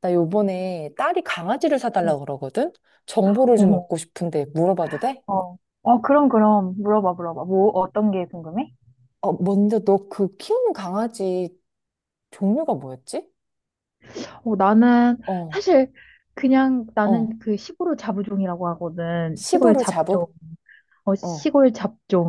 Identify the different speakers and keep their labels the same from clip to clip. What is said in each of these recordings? Speaker 1: 나 요번에 딸이 강아지를
Speaker 2: 응.
Speaker 1: 사달라고 그러거든? 정보를 좀
Speaker 2: 어머,
Speaker 1: 얻고 싶은데 물어봐도 돼?
Speaker 2: 어. 어, 그럼, 그럼. 물어봐, 물어봐. 뭐, 어떤 게 궁금해?
Speaker 1: 어, 먼저 너 그 키우는 강아지 종류가 뭐였지?
Speaker 2: 어, 나는
Speaker 1: 어,
Speaker 2: 사실 그냥
Speaker 1: 어.
Speaker 2: 나는 그 시골 잡종이라고 하거든. 시골
Speaker 1: 시부르
Speaker 2: 잡종.
Speaker 1: 자부?
Speaker 2: 어,
Speaker 1: 어.
Speaker 2: 시골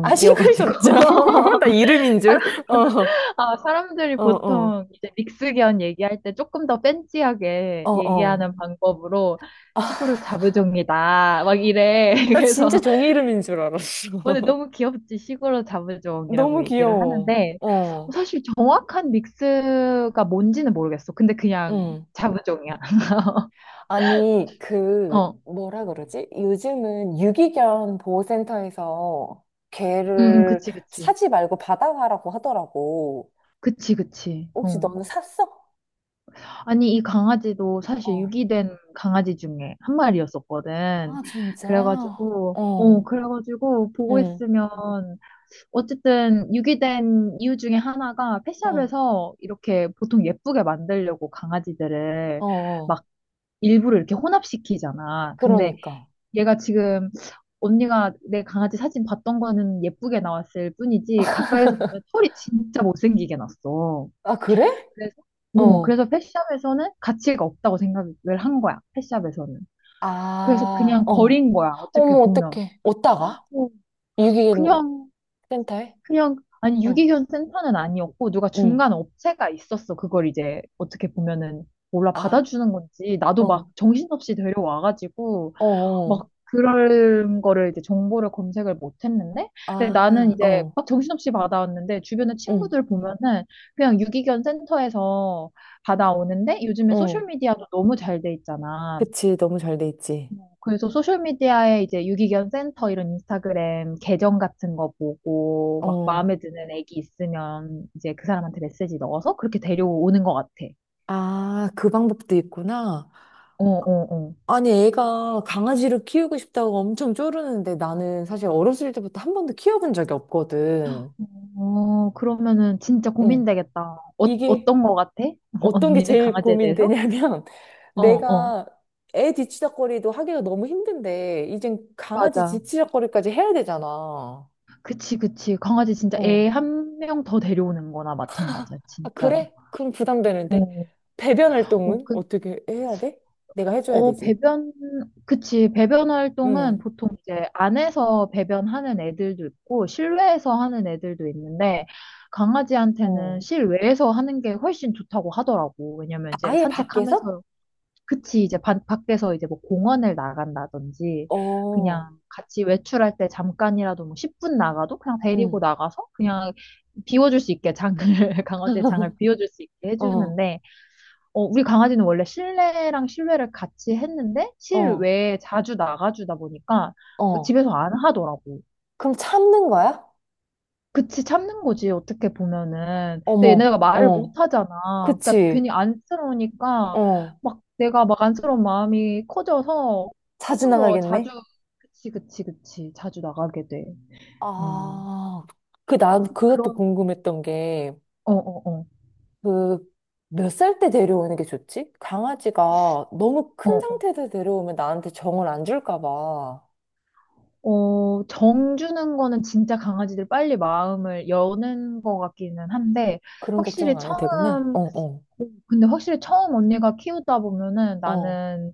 Speaker 1: 아, 시골 잡죠. 나 이름인 줄.
Speaker 2: 사람,
Speaker 1: 어,
Speaker 2: 아, 사람들이
Speaker 1: 어, 어,
Speaker 2: 보통 이제 믹스견 얘기할 때 조금 더 팬시하게
Speaker 1: 어, 어.
Speaker 2: 얘기하는 방법으로 시골 잡종이다. 막 이래.
Speaker 1: 나 진짜
Speaker 2: 그래서
Speaker 1: 종이 이름인 줄 알았어.
Speaker 2: 근데 너무 귀엽지. 시골로
Speaker 1: 너무
Speaker 2: 잡으종이라고 얘기를
Speaker 1: 귀여워.
Speaker 2: 하는데, 어,
Speaker 1: 어,
Speaker 2: 사실 정확한 믹스가 뭔지는 모르겠어. 근데 그냥
Speaker 1: 응.
Speaker 2: 잡으종이야.
Speaker 1: 아니, 그,
Speaker 2: 어, 응,
Speaker 1: 뭐라 그러지? 요즘은 유기견 보호센터에서
Speaker 2: 응,
Speaker 1: 개를
Speaker 2: 그치, 그치.
Speaker 1: 사지 말고 받아가라고 하더라고.
Speaker 2: 그치, 그치.
Speaker 1: 혹시
Speaker 2: 어.
Speaker 1: 너는 샀어?
Speaker 2: 아니, 이 강아지도 사실
Speaker 1: 어.
Speaker 2: 유기된 강아지 중에 한 마리였었거든.
Speaker 1: 아, 진짜?
Speaker 2: 그래가지고, 어,
Speaker 1: 어.
Speaker 2: 그래가지고 보고
Speaker 1: 응.
Speaker 2: 있으면, 어쨌든 유기된 이유 중에 하나가
Speaker 1: 어.
Speaker 2: 펫샵에서 이렇게 보통 예쁘게 만들려고 강아지들을
Speaker 1: 어. 어.
Speaker 2: 막 일부러 이렇게 혼합시키잖아. 근데
Speaker 1: 그러니까.
Speaker 2: 얘가 지금 언니가 내 강아지 사진 봤던 거는 예쁘게 나왔을 뿐이지 가까이서 보면 털이 진짜 못생기게 났어.
Speaker 1: 아, 그래?
Speaker 2: 그래서 어,
Speaker 1: 어.
Speaker 2: 그래서 펫샵에서는 가치가 없다고 생각을 한 거야. 펫샵에서는. 그래서
Speaker 1: 아,
Speaker 2: 그냥
Speaker 1: 어.
Speaker 2: 버린 거야. 어떻게
Speaker 1: 어머,
Speaker 2: 보면.
Speaker 1: 어떡해. 어디다가?
Speaker 2: 어,
Speaker 1: 유기견
Speaker 2: 그냥
Speaker 1: 센터에?
Speaker 2: 그냥 아니
Speaker 1: 어.
Speaker 2: 유기견 센터는 아니었고 누가
Speaker 1: 응.
Speaker 2: 중간 업체가 있었어. 그걸 이제 어떻게 보면은 몰라
Speaker 1: 아,
Speaker 2: 받아주는 건지 나도 막
Speaker 1: 어.
Speaker 2: 정신없이 데려와가지고
Speaker 1: 어.
Speaker 2: 막
Speaker 1: 어.
Speaker 2: 그런 거를 이제 정보를 검색을 못 했는데, 근데 나는
Speaker 1: 아,
Speaker 2: 이제
Speaker 1: 어.
Speaker 2: 막 정신없이 받아왔는데, 주변에
Speaker 1: 응.
Speaker 2: 친구들 보면은 그냥 유기견 센터에서 받아오는데, 요즘에
Speaker 1: 어.
Speaker 2: 소셜미디어도 너무 잘 돼 있잖아.
Speaker 1: 그치, 너무 잘 돼 있지.
Speaker 2: 뭐, 그래서 소셜미디어에 이제 유기견 센터 이런 인스타그램 계정 같은 거 보고, 막
Speaker 1: 어.
Speaker 2: 마음에 드는 애기 있으면 이제 그 사람한테 메시지 넣어서 그렇게 데려오는 것 같아.
Speaker 1: 아, 그 방법도 있구나.
Speaker 2: 어, 어, 어.
Speaker 1: 아니, 애가 강아지를 키우고 싶다고 엄청 쪼르는데 나는 사실 어렸을 때부터 한 번도 키워본 적이 없거든.
Speaker 2: 어, 그러면은 진짜
Speaker 1: 응.
Speaker 2: 고민되겠다. 어,
Speaker 1: 이게
Speaker 2: 어떤 거 같아?
Speaker 1: 어떤 게
Speaker 2: 언니는
Speaker 1: 제일
Speaker 2: 강아지에 대해서?
Speaker 1: 고민되냐면
Speaker 2: 어, 어.
Speaker 1: 내가 애 뒤치다꺼리도 하기가 너무 힘든데 이젠 강아지
Speaker 2: 맞아.
Speaker 1: 뒤치다꺼리까지 해야 되잖아.
Speaker 2: 그치, 그치. 강아지 진짜
Speaker 1: 어.
Speaker 2: 애 한 명 더 데려오는 거나 마찬가지야,
Speaker 1: 아,
Speaker 2: 진짜로.
Speaker 1: 그래? 그럼 부담되는데?
Speaker 2: 어,
Speaker 1: 배변
Speaker 2: 어,
Speaker 1: 활동은 어떻게 해야 돼? 내가 해줘야 되지.
Speaker 2: 배변, 그치. 배변 활동은
Speaker 1: 응.
Speaker 2: 보통 이제 안에서 배변하는 애들도 있고, 실외에서 하는 애들도 있는데, 강아지한테는
Speaker 1: 어.
Speaker 2: 실외에서 하는 게 훨씬 좋다고 하더라고. 왜냐면 이제
Speaker 1: 아예 밖에서?
Speaker 2: 산책하면서 그치, 이제 밖에서 이제 뭐 공원을 나간다든지,
Speaker 1: 어,
Speaker 2: 그냥 같이 외출할 때 잠깐이라도 뭐 10분 나가도 그냥 데리고
Speaker 1: 응.
Speaker 2: 나가서 그냥 비워줄 수 있게 장을, 강아지의 장을 비워줄 수 있게
Speaker 1: 어,
Speaker 2: 해주는데, 어, 우리 강아지는 원래 실내랑 실외를 같이 했는데,
Speaker 1: 어,
Speaker 2: 실외에 자주 나가주다 보니까
Speaker 1: 어.
Speaker 2: 집에서 안 하더라고.
Speaker 1: 그럼 참는 거야?
Speaker 2: 그치, 참는 거지, 어떻게 보면은. 근데
Speaker 1: 어머,
Speaker 2: 얘네가 말을
Speaker 1: 어.
Speaker 2: 못 하잖아. 그러니까
Speaker 1: 그치.
Speaker 2: 괜히 안쓰러우니까,
Speaker 1: 어.
Speaker 2: 막 내가 막 안쓰러운 마음이 커져서
Speaker 1: 자주
Speaker 2: 조금 더 자주,
Speaker 1: 나가겠네?
Speaker 2: 그치, 그치, 그치, 자주 나가게 돼. 음.
Speaker 1: 아, 그, 난 그것도
Speaker 2: 그런,
Speaker 1: 궁금했던 게,
Speaker 2: 어, 어, 어.
Speaker 1: 그, 몇 살 때 데려오는 게 좋지? 강아지가 너무 큰
Speaker 2: 어,
Speaker 1: 상태에서 데려오면 나한테 정을 안 줄까 봐.
Speaker 2: 어, 어, 정 주는 거는 진짜 강아지들 빨리 마음을 여는 것 같기는 한데,
Speaker 1: 그런 걱정
Speaker 2: 확실히
Speaker 1: 안 해도 되구나.
Speaker 2: 처음,
Speaker 1: 어, 어,
Speaker 2: 어, 근데 확실히 처음 언니가 키우다 보면은
Speaker 1: 어,
Speaker 2: 나는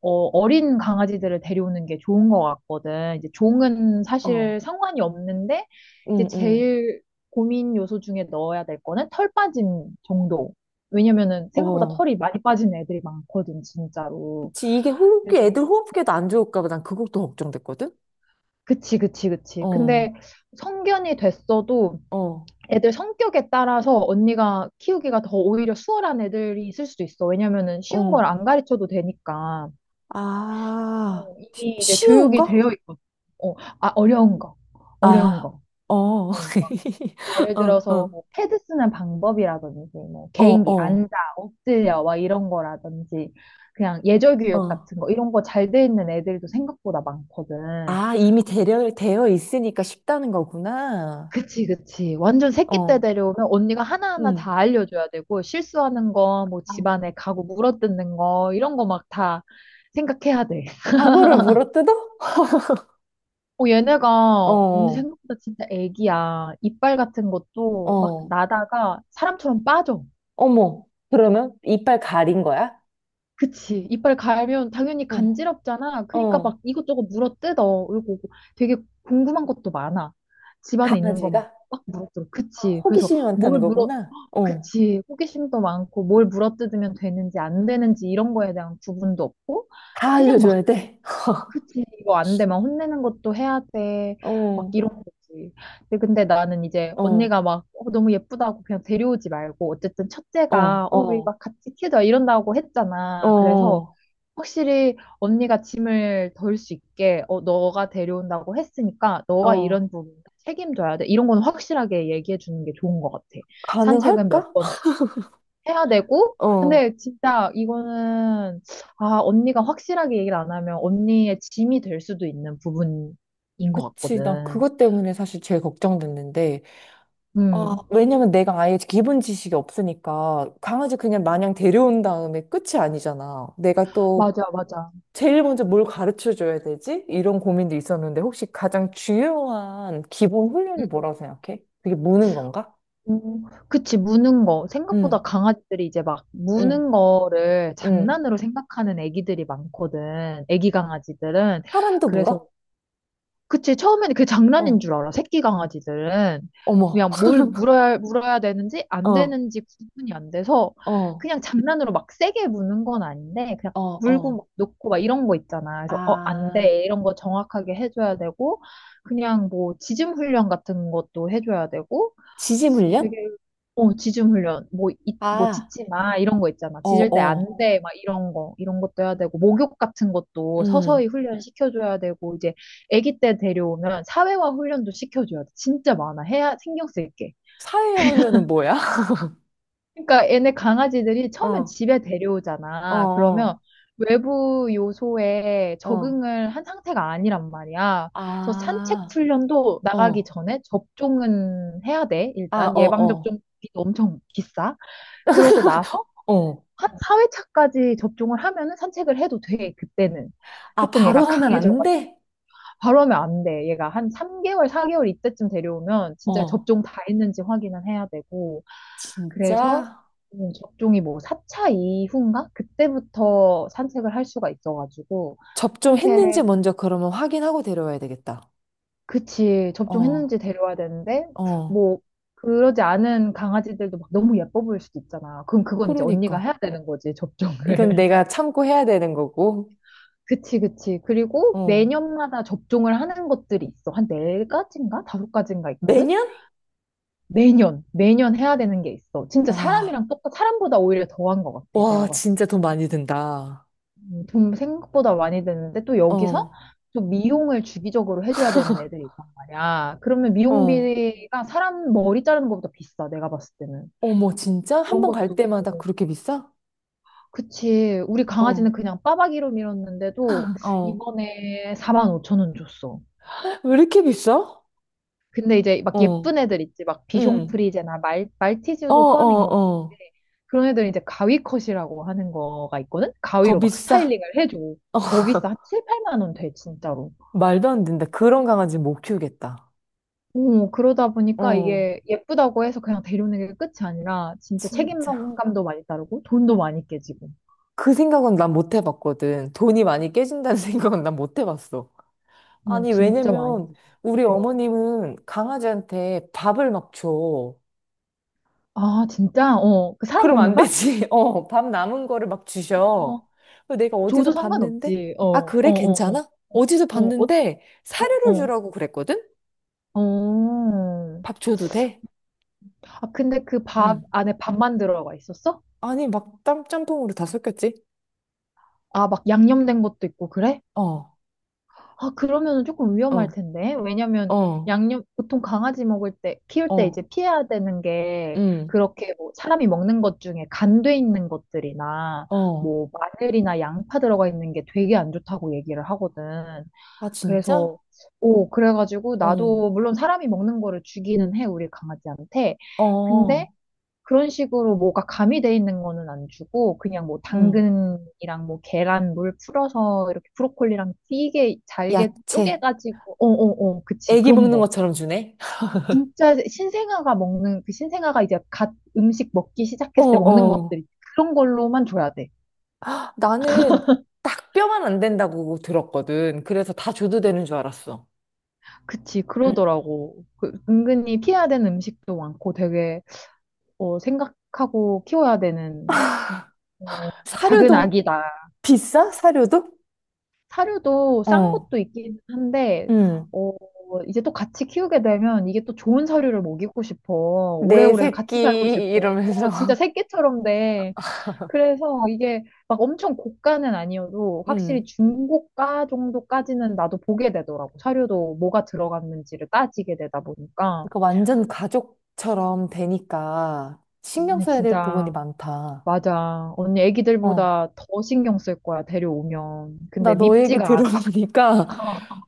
Speaker 2: 어, 어린 강아지들을 데려오는 게 좋은 것 같거든. 이제 종은
Speaker 1: 어,
Speaker 2: 사실 상관이 없는데, 이제
Speaker 1: 응, 응,
Speaker 2: 제일 고민 요소 중에 넣어야 될 거는 털 빠짐 정도. 왜냐면은 생각보다
Speaker 1: 어.
Speaker 2: 털이 많이 빠진 애들이 많거든, 진짜로.
Speaker 1: 지 이게 호흡기,
Speaker 2: 그래서,
Speaker 1: 애들 호흡기에도 안 좋을까 봐 난 그것도 걱정됐거든?
Speaker 2: 그치, 그치, 그치.
Speaker 1: 어,
Speaker 2: 근데 성견이 됐어도
Speaker 1: 어,
Speaker 2: 애들 성격에 따라서 언니가 키우기가 더 오히려 수월한 애들이 있을 수도 있어. 왜냐면은 쉬운 걸
Speaker 1: 어.
Speaker 2: 안 가르쳐도 되니까.
Speaker 1: 아,
Speaker 2: 어, 이미 이제
Speaker 1: 쉬운
Speaker 2: 교육이
Speaker 1: 거?
Speaker 2: 되어 있거든. 어, 아, 어려운 거. 어려운
Speaker 1: 아,
Speaker 2: 거.
Speaker 1: 어.
Speaker 2: 어, 예를
Speaker 1: 어,
Speaker 2: 들어서
Speaker 1: 어,
Speaker 2: 뭐 패드 쓰는 방법이라든지 뭐 개인기
Speaker 1: 어,
Speaker 2: 앉아 엎드려 막 이런 거라든지 그냥 예절
Speaker 1: 어,
Speaker 2: 교육
Speaker 1: 어.
Speaker 2: 같은 거 이런 거 잘 돼 있는 애들도 생각보다 많거든.
Speaker 1: 아, 이미 되어 있으니까 쉽다는 거구나.
Speaker 2: 그치 그치. 완전 새끼 때
Speaker 1: 어,
Speaker 2: 데려오면 언니가 하나하나
Speaker 1: 응.
Speaker 2: 다 알려줘야 되고 실수하는 거 뭐
Speaker 1: 아,
Speaker 2: 집안에 가구 물어뜯는 거 이런 거 막 다 생각해야 돼.
Speaker 1: 사고를 물어뜯어?
Speaker 2: 어, 얘네가
Speaker 1: 어,
Speaker 2: 언니
Speaker 1: 어,
Speaker 2: 생각보다 진짜 애기야. 이빨 같은 것도 막
Speaker 1: 어.
Speaker 2: 나다가 사람처럼 빠져.
Speaker 1: 어머. 그러면 이빨 가린 거야?
Speaker 2: 그치. 이빨 갈면 당연히
Speaker 1: 어,
Speaker 2: 간지럽잖아. 그러니까 막
Speaker 1: 어.
Speaker 2: 이것저것 물어뜯어. 그리고 되게 궁금한 것도 많아. 집안에 있는 거 막,
Speaker 1: 강아지가?
Speaker 2: 막 물어뜯어.
Speaker 1: 아,
Speaker 2: 그치.
Speaker 1: 호기심이 많다는 거구나. 어.
Speaker 2: 그치. 호기심도 많고 뭘 물어뜯으면 되는지 안 되는지 이런 거에 대한 구분도 없고
Speaker 1: 다
Speaker 2: 그냥 막
Speaker 1: 알려줘야 돼.
Speaker 2: 그치, 이거 안 되면 혼내는 것도 해야 돼. 막
Speaker 1: 어,
Speaker 2: 이런 거지. 근데 나는 이제
Speaker 1: 어,
Speaker 2: 언니가 막 어, 너무 예쁘다고 그냥 데려오지 말고 어쨌든
Speaker 1: 어,
Speaker 2: 첫째가 어, 우리
Speaker 1: 어,
Speaker 2: 막 같이 키워자 이런다고 했잖아. 그래서
Speaker 1: 어,
Speaker 2: 확실히 언니가 짐을 덜 수 있게 어, 너가 데려온다고 했으니까 너가
Speaker 1: 어.
Speaker 2: 이런 부분 책임져야 돼. 이런 건 확실하게 얘기해 주는 게 좋은 것 같아. 산책은
Speaker 1: 가능할까?
Speaker 2: 몇번 해야 되고,
Speaker 1: 어.
Speaker 2: 근데 진짜 이거는, 아, 언니가 확실하게 얘기를 안 하면 언니의 짐이 될 수도 있는 부분인 것
Speaker 1: 그치. 나
Speaker 2: 같거든.
Speaker 1: 그것 때문에 사실 제일 걱정됐는데. 아,
Speaker 2: 음,
Speaker 1: 왜냐면 내가 아예 기본 지식이 없으니까 강아지 그냥 마냥 데려온 다음에 끝이 아니잖아. 내가 또
Speaker 2: 맞아, 맞아.
Speaker 1: 제일 먼저 뭘 가르쳐 줘야 되지? 이런 고민도 있었는데 혹시 가장 중요한 기본 훈련이
Speaker 2: 음,
Speaker 1: 뭐라고 생각해? 그게 무는 건가?
Speaker 2: 그치, 무는 거. 생각보다
Speaker 1: 응,
Speaker 2: 강아지들이 이제 막
Speaker 1: 응,
Speaker 2: 무는 거를
Speaker 1: 응.
Speaker 2: 장난으로 생각하는 애기들이 많거든. 애기 강아지들은.
Speaker 1: 사람도
Speaker 2: 그래서
Speaker 1: 물어?
Speaker 2: 그치, 처음에는 그게 장난인
Speaker 1: 어,
Speaker 2: 줄 알아, 새끼 강아지들은.
Speaker 1: 어머.
Speaker 2: 그냥 물어야 되는지 안
Speaker 1: 어.
Speaker 2: 되는지 구분이 안 돼서
Speaker 1: 어,
Speaker 2: 그냥 장난으로 막 세게 무는 건 아닌데 그냥
Speaker 1: 어,
Speaker 2: 물고
Speaker 1: 어.
Speaker 2: 막 놓고 막 이런 거 있잖아. 그래서 어, 안
Speaker 1: 아,
Speaker 2: 돼. 이런 거 정확하게 해줘야 되고 그냥 뭐 지짐 훈련 같은 것도 해줘야 되고
Speaker 1: 지질 훈련?
Speaker 2: 되게 어 지중 훈련 뭐뭐
Speaker 1: 아,
Speaker 2: 짖지 마 이런 거 있잖아
Speaker 1: 어,
Speaker 2: 짖을 때
Speaker 1: 어.
Speaker 2: 안 돼 막 이런 거 이런 것도 해야 되고 목욕 같은 것도 서서히
Speaker 1: 음.
Speaker 2: 훈련 시켜줘야 되고 이제 아기 때 데려오면 사회화 훈련도 시켜줘야 돼 진짜 많아 해야 신경 쓸게
Speaker 1: 사회화 훈련은 뭐야?
Speaker 2: 그러니까 얘네 강아지들이 처음엔
Speaker 1: 어,
Speaker 2: 집에
Speaker 1: 어,
Speaker 2: 데려오잖아 그러면
Speaker 1: 어,
Speaker 2: 외부 요소에
Speaker 1: 어,
Speaker 2: 적응을 한 상태가 아니란 말이야 그래서 산책
Speaker 1: 아,
Speaker 2: 훈련도 나가기
Speaker 1: 어.
Speaker 2: 전에 접종은 해야 돼
Speaker 1: 아,
Speaker 2: 일단
Speaker 1: 어,
Speaker 2: 예방
Speaker 1: 어.
Speaker 2: 접종비도 엄청 비싸 그러고 나서
Speaker 1: 어.
Speaker 2: 한 4회차까지 접종을 하면은 산책을 해도 돼, 그때는.
Speaker 1: 아,
Speaker 2: 조금
Speaker 1: 바로
Speaker 2: 얘가
Speaker 1: 하면
Speaker 2: 강해져가.
Speaker 1: 안 돼?
Speaker 2: 바로 하면 안 돼. 얘가 한 3개월, 4개월 이때쯤 데려오면 진짜
Speaker 1: 어.
Speaker 2: 접종 다 했는지 확인을 해야 되고. 그래서
Speaker 1: 진짜?
Speaker 2: 접종이 뭐 4차 이후인가? 그때부터 산책을 할 수가 있어가지고.
Speaker 1: 접종했는지
Speaker 2: 산책,
Speaker 1: 먼저 그러면 확인하고 데려와야 되겠다.
Speaker 2: 그치,
Speaker 1: 어,
Speaker 2: 접종했는지 데려와야 되는데,
Speaker 1: 어.
Speaker 2: 뭐, 그러지 않은 강아지들도 막 너무 예뻐 보일 수도 있잖아. 그럼 그건 이제 언니가
Speaker 1: 그러니까.
Speaker 2: 해야 되는 거지,
Speaker 1: 이건
Speaker 2: 접종을.
Speaker 1: 내가 참고 해야 되는 거고.
Speaker 2: 그치, 그치. 그리고
Speaker 1: 어.
Speaker 2: 매년마다 접종을 하는 것들이 있어. 한 네가지인가 다섯 가지인가 있거든?
Speaker 1: 매년?
Speaker 2: 매년, 매년 해야 되는 게 있어. 진짜
Speaker 1: 와,
Speaker 2: 사람보다 오히려 더한 것 같아. 내가
Speaker 1: 와,
Speaker 2: 봤을
Speaker 1: 진짜 돈 많이 든다.
Speaker 2: 때. 돈 생각보다 많이 드는데 또 여기서
Speaker 1: 어.
Speaker 2: 또 미용을 주기적으로 해줘야 되는 애들이 있단 말이야. 그러면
Speaker 1: 어.
Speaker 2: 미용비가 사람 머리 자르는 것보다 비싸. 내가 봤을 때는.
Speaker 1: 어머, 진짜? 한
Speaker 2: 그런
Speaker 1: 번 갈
Speaker 2: 것도.
Speaker 1: 때마다 그렇게 비싸?
Speaker 2: 그치. 우리
Speaker 1: 어,
Speaker 2: 강아지는 그냥 빠박이로 밀었는데도
Speaker 1: 어.
Speaker 2: 이번에 4만 5천 원 줬어.
Speaker 1: 왜 이렇게 비싸?
Speaker 2: 근데 이제 막
Speaker 1: 어,
Speaker 2: 예쁜 애들 있지. 막
Speaker 1: 응.
Speaker 2: 비숑프리제나
Speaker 1: 어,
Speaker 2: 말티즈도
Speaker 1: 어,
Speaker 2: 포함인 것
Speaker 1: 어.
Speaker 2: 같은데 그런 애들은 이제 가위컷이라고 하는 거가 있거든?
Speaker 1: 더
Speaker 2: 가위로 막
Speaker 1: 비싸?
Speaker 2: 스타일링을 해줘.
Speaker 1: 어,
Speaker 2: 더 비싸. 한 7, 8만 원 돼, 진짜로.
Speaker 1: 말도 안 된다. 그런 강아지 못 키우겠다.
Speaker 2: 오, 그러다 보니까
Speaker 1: 어,
Speaker 2: 이게 예쁘다고 해서 그냥 데려오는 게 끝이 아니라 진짜
Speaker 1: 진짜.
Speaker 2: 책임감도 많이 따르고 돈도 많이 깨지고.
Speaker 1: 그 생각은 난 못 해봤거든. 돈이 많이 깨진다는 생각은 난 못 해봤어.
Speaker 2: 오,
Speaker 1: 아니,
Speaker 2: 진짜 많이
Speaker 1: 왜냐면
Speaker 2: 깨지고.
Speaker 1: 우리
Speaker 2: 어.
Speaker 1: 어머님은 강아지한테 밥을 막 줘.
Speaker 2: 아, 진짜? 어, 그 사람
Speaker 1: 그럼
Speaker 2: 먹는
Speaker 1: 안
Speaker 2: 밥?
Speaker 1: 되지. 어, 밥 남은 거를 막
Speaker 2: 어,
Speaker 1: 주셔. 그래서 내가 어디서
Speaker 2: 줘도
Speaker 1: 봤는데?
Speaker 2: 상관없지. 어,
Speaker 1: 아,
Speaker 2: 어,
Speaker 1: 그래?
Speaker 2: 어, 어.
Speaker 1: 괜찮아? 어디서
Speaker 2: 어, 어,
Speaker 1: 봤는데
Speaker 2: 어,
Speaker 1: 사료를
Speaker 2: 어.
Speaker 1: 주라고 그랬거든?
Speaker 2: 어. 어.
Speaker 1: 밥 줘도 돼?
Speaker 2: 아, 근데 그 밥
Speaker 1: 응.
Speaker 2: 안에 밥만 들어가 있었어?
Speaker 1: 아니, 막 짬뽕으로 다 섞였지?
Speaker 2: 아, 막 양념된 것도 있고, 그래?
Speaker 1: 어,
Speaker 2: 아, 그러면 은 조금 위험할
Speaker 1: 어,
Speaker 2: 텐데. 왜냐면
Speaker 1: 어,
Speaker 2: 양념, 보통 강아지 먹을 때, 키울 때
Speaker 1: 어,
Speaker 2: 이제 피해야 되는 게,
Speaker 1: 응,
Speaker 2: 그렇게 뭐 사람이 먹는 것 중에 간돼 있는 것들이나,
Speaker 1: 어.
Speaker 2: 뭐 마늘이나 양파 들어가 있는 게 되게 안 좋다고 얘기를 하거든.
Speaker 1: 아, 진짜?
Speaker 2: 그래서, 오, 그래가지고
Speaker 1: 어,
Speaker 2: 나도 물론 사람이 먹는 거를 주기는 해, 우리 강아지한테. 근데
Speaker 1: 어,
Speaker 2: 그런 식으로 뭐가 가미돼 있는 거는 안 주고 그냥 뭐
Speaker 1: 응.
Speaker 2: 당근이랑 뭐 계란 물 풀어서 이렇게 브로콜리랑 되게 잘게
Speaker 1: 야채.
Speaker 2: 쪼개가지고 어어어 그치
Speaker 1: 애기
Speaker 2: 그런
Speaker 1: 먹는
Speaker 2: 거
Speaker 1: 것처럼 주네?
Speaker 2: 진짜 신생아가 먹는 그 신생아가 이제 갓 음식 먹기
Speaker 1: 어,
Speaker 2: 시작했을 때 먹는
Speaker 1: 어.
Speaker 2: 것들 그런 걸로만 줘야 돼
Speaker 1: 아, 나는 딱 뼈만 안 된다고 들었거든. 그래서 다 줘도 되는 줄 알았어.
Speaker 2: 그치
Speaker 1: 응.
Speaker 2: 그러더라고 그 은근히 피해야 되는 음식도 많고 되게 어, 생각하고 키워야 되는 작은
Speaker 1: 사료도
Speaker 2: 아기다
Speaker 1: 비싸? 사료도?
Speaker 2: 사료도 싼
Speaker 1: 어,
Speaker 2: 것도 있긴 한데,
Speaker 1: 응.
Speaker 2: 어, 이제 또 같이 키우게 되면 이게 또 좋은 사료를 먹이고 싶어.
Speaker 1: 내
Speaker 2: 오래오래
Speaker 1: 새끼
Speaker 2: 같이 살고 싶어.
Speaker 1: 이러면서
Speaker 2: 진짜 새끼처럼 돼. 그래서 이게 막 엄청 고가는 아니어도 확실히
Speaker 1: 음.
Speaker 2: 중고가 정도까지는 나도 보게 되더라고. 사료도 뭐가 들어갔는지를 따지게 되다 보니까.
Speaker 1: 그러니까 완전 가족처럼 되니까 신경
Speaker 2: 언니
Speaker 1: 써야 될 부분이
Speaker 2: 진짜,
Speaker 1: 많다.
Speaker 2: 맞아. 언니
Speaker 1: 어.
Speaker 2: 애기들보다 더 신경 쓸 거야, 데려오면.
Speaker 1: 나
Speaker 2: 근데
Speaker 1: 너 얘기
Speaker 2: 밉지가 않아.
Speaker 1: 들어보니까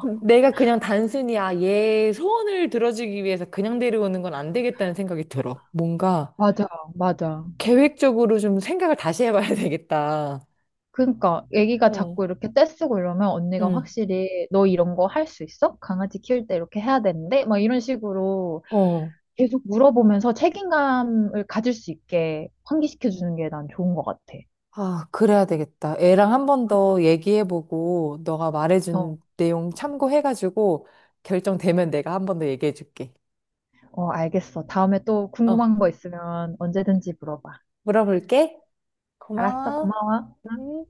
Speaker 1: 내가 그냥 단순히 아, 얘 소원을 들어주기 위해서 그냥 데려오는 건 안 되겠다는 생각이 들어. 뭔가
Speaker 2: 맞아, 맞아.
Speaker 1: 계획적으로 좀 생각을 다시 해봐야 되겠다.
Speaker 2: 그러니까 애기가
Speaker 1: 어.
Speaker 2: 자꾸 이렇게 떼쓰고 이러면 언니가
Speaker 1: 응.
Speaker 2: 확실히 너 이런 거 할 수 있어? 강아지 키울 때 이렇게 해야 되는데? 막 이런 식으로
Speaker 1: 어.
Speaker 2: 계속 물어보면서 책임감을 가질 수 있게 환기시켜 주는 게 난 좋은 것 같아.
Speaker 1: 아, 그래야 되겠다. 애랑 한 번 더 얘기해보고, 너가
Speaker 2: 어,
Speaker 1: 말해준 내용 참고해가지고, 결정되면 내가 한 번 더 얘기해줄게.
Speaker 2: 어, 알겠어. 다음에 또
Speaker 1: 어,
Speaker 2: 궁금한 거 있으면 언제든지 물어봐.
Speaker 1: 물어볼게.
Speaker 2: 알았어,
Speaker 1: 고마워.
Speaker 2: 고마워.
Speaker 1: 음.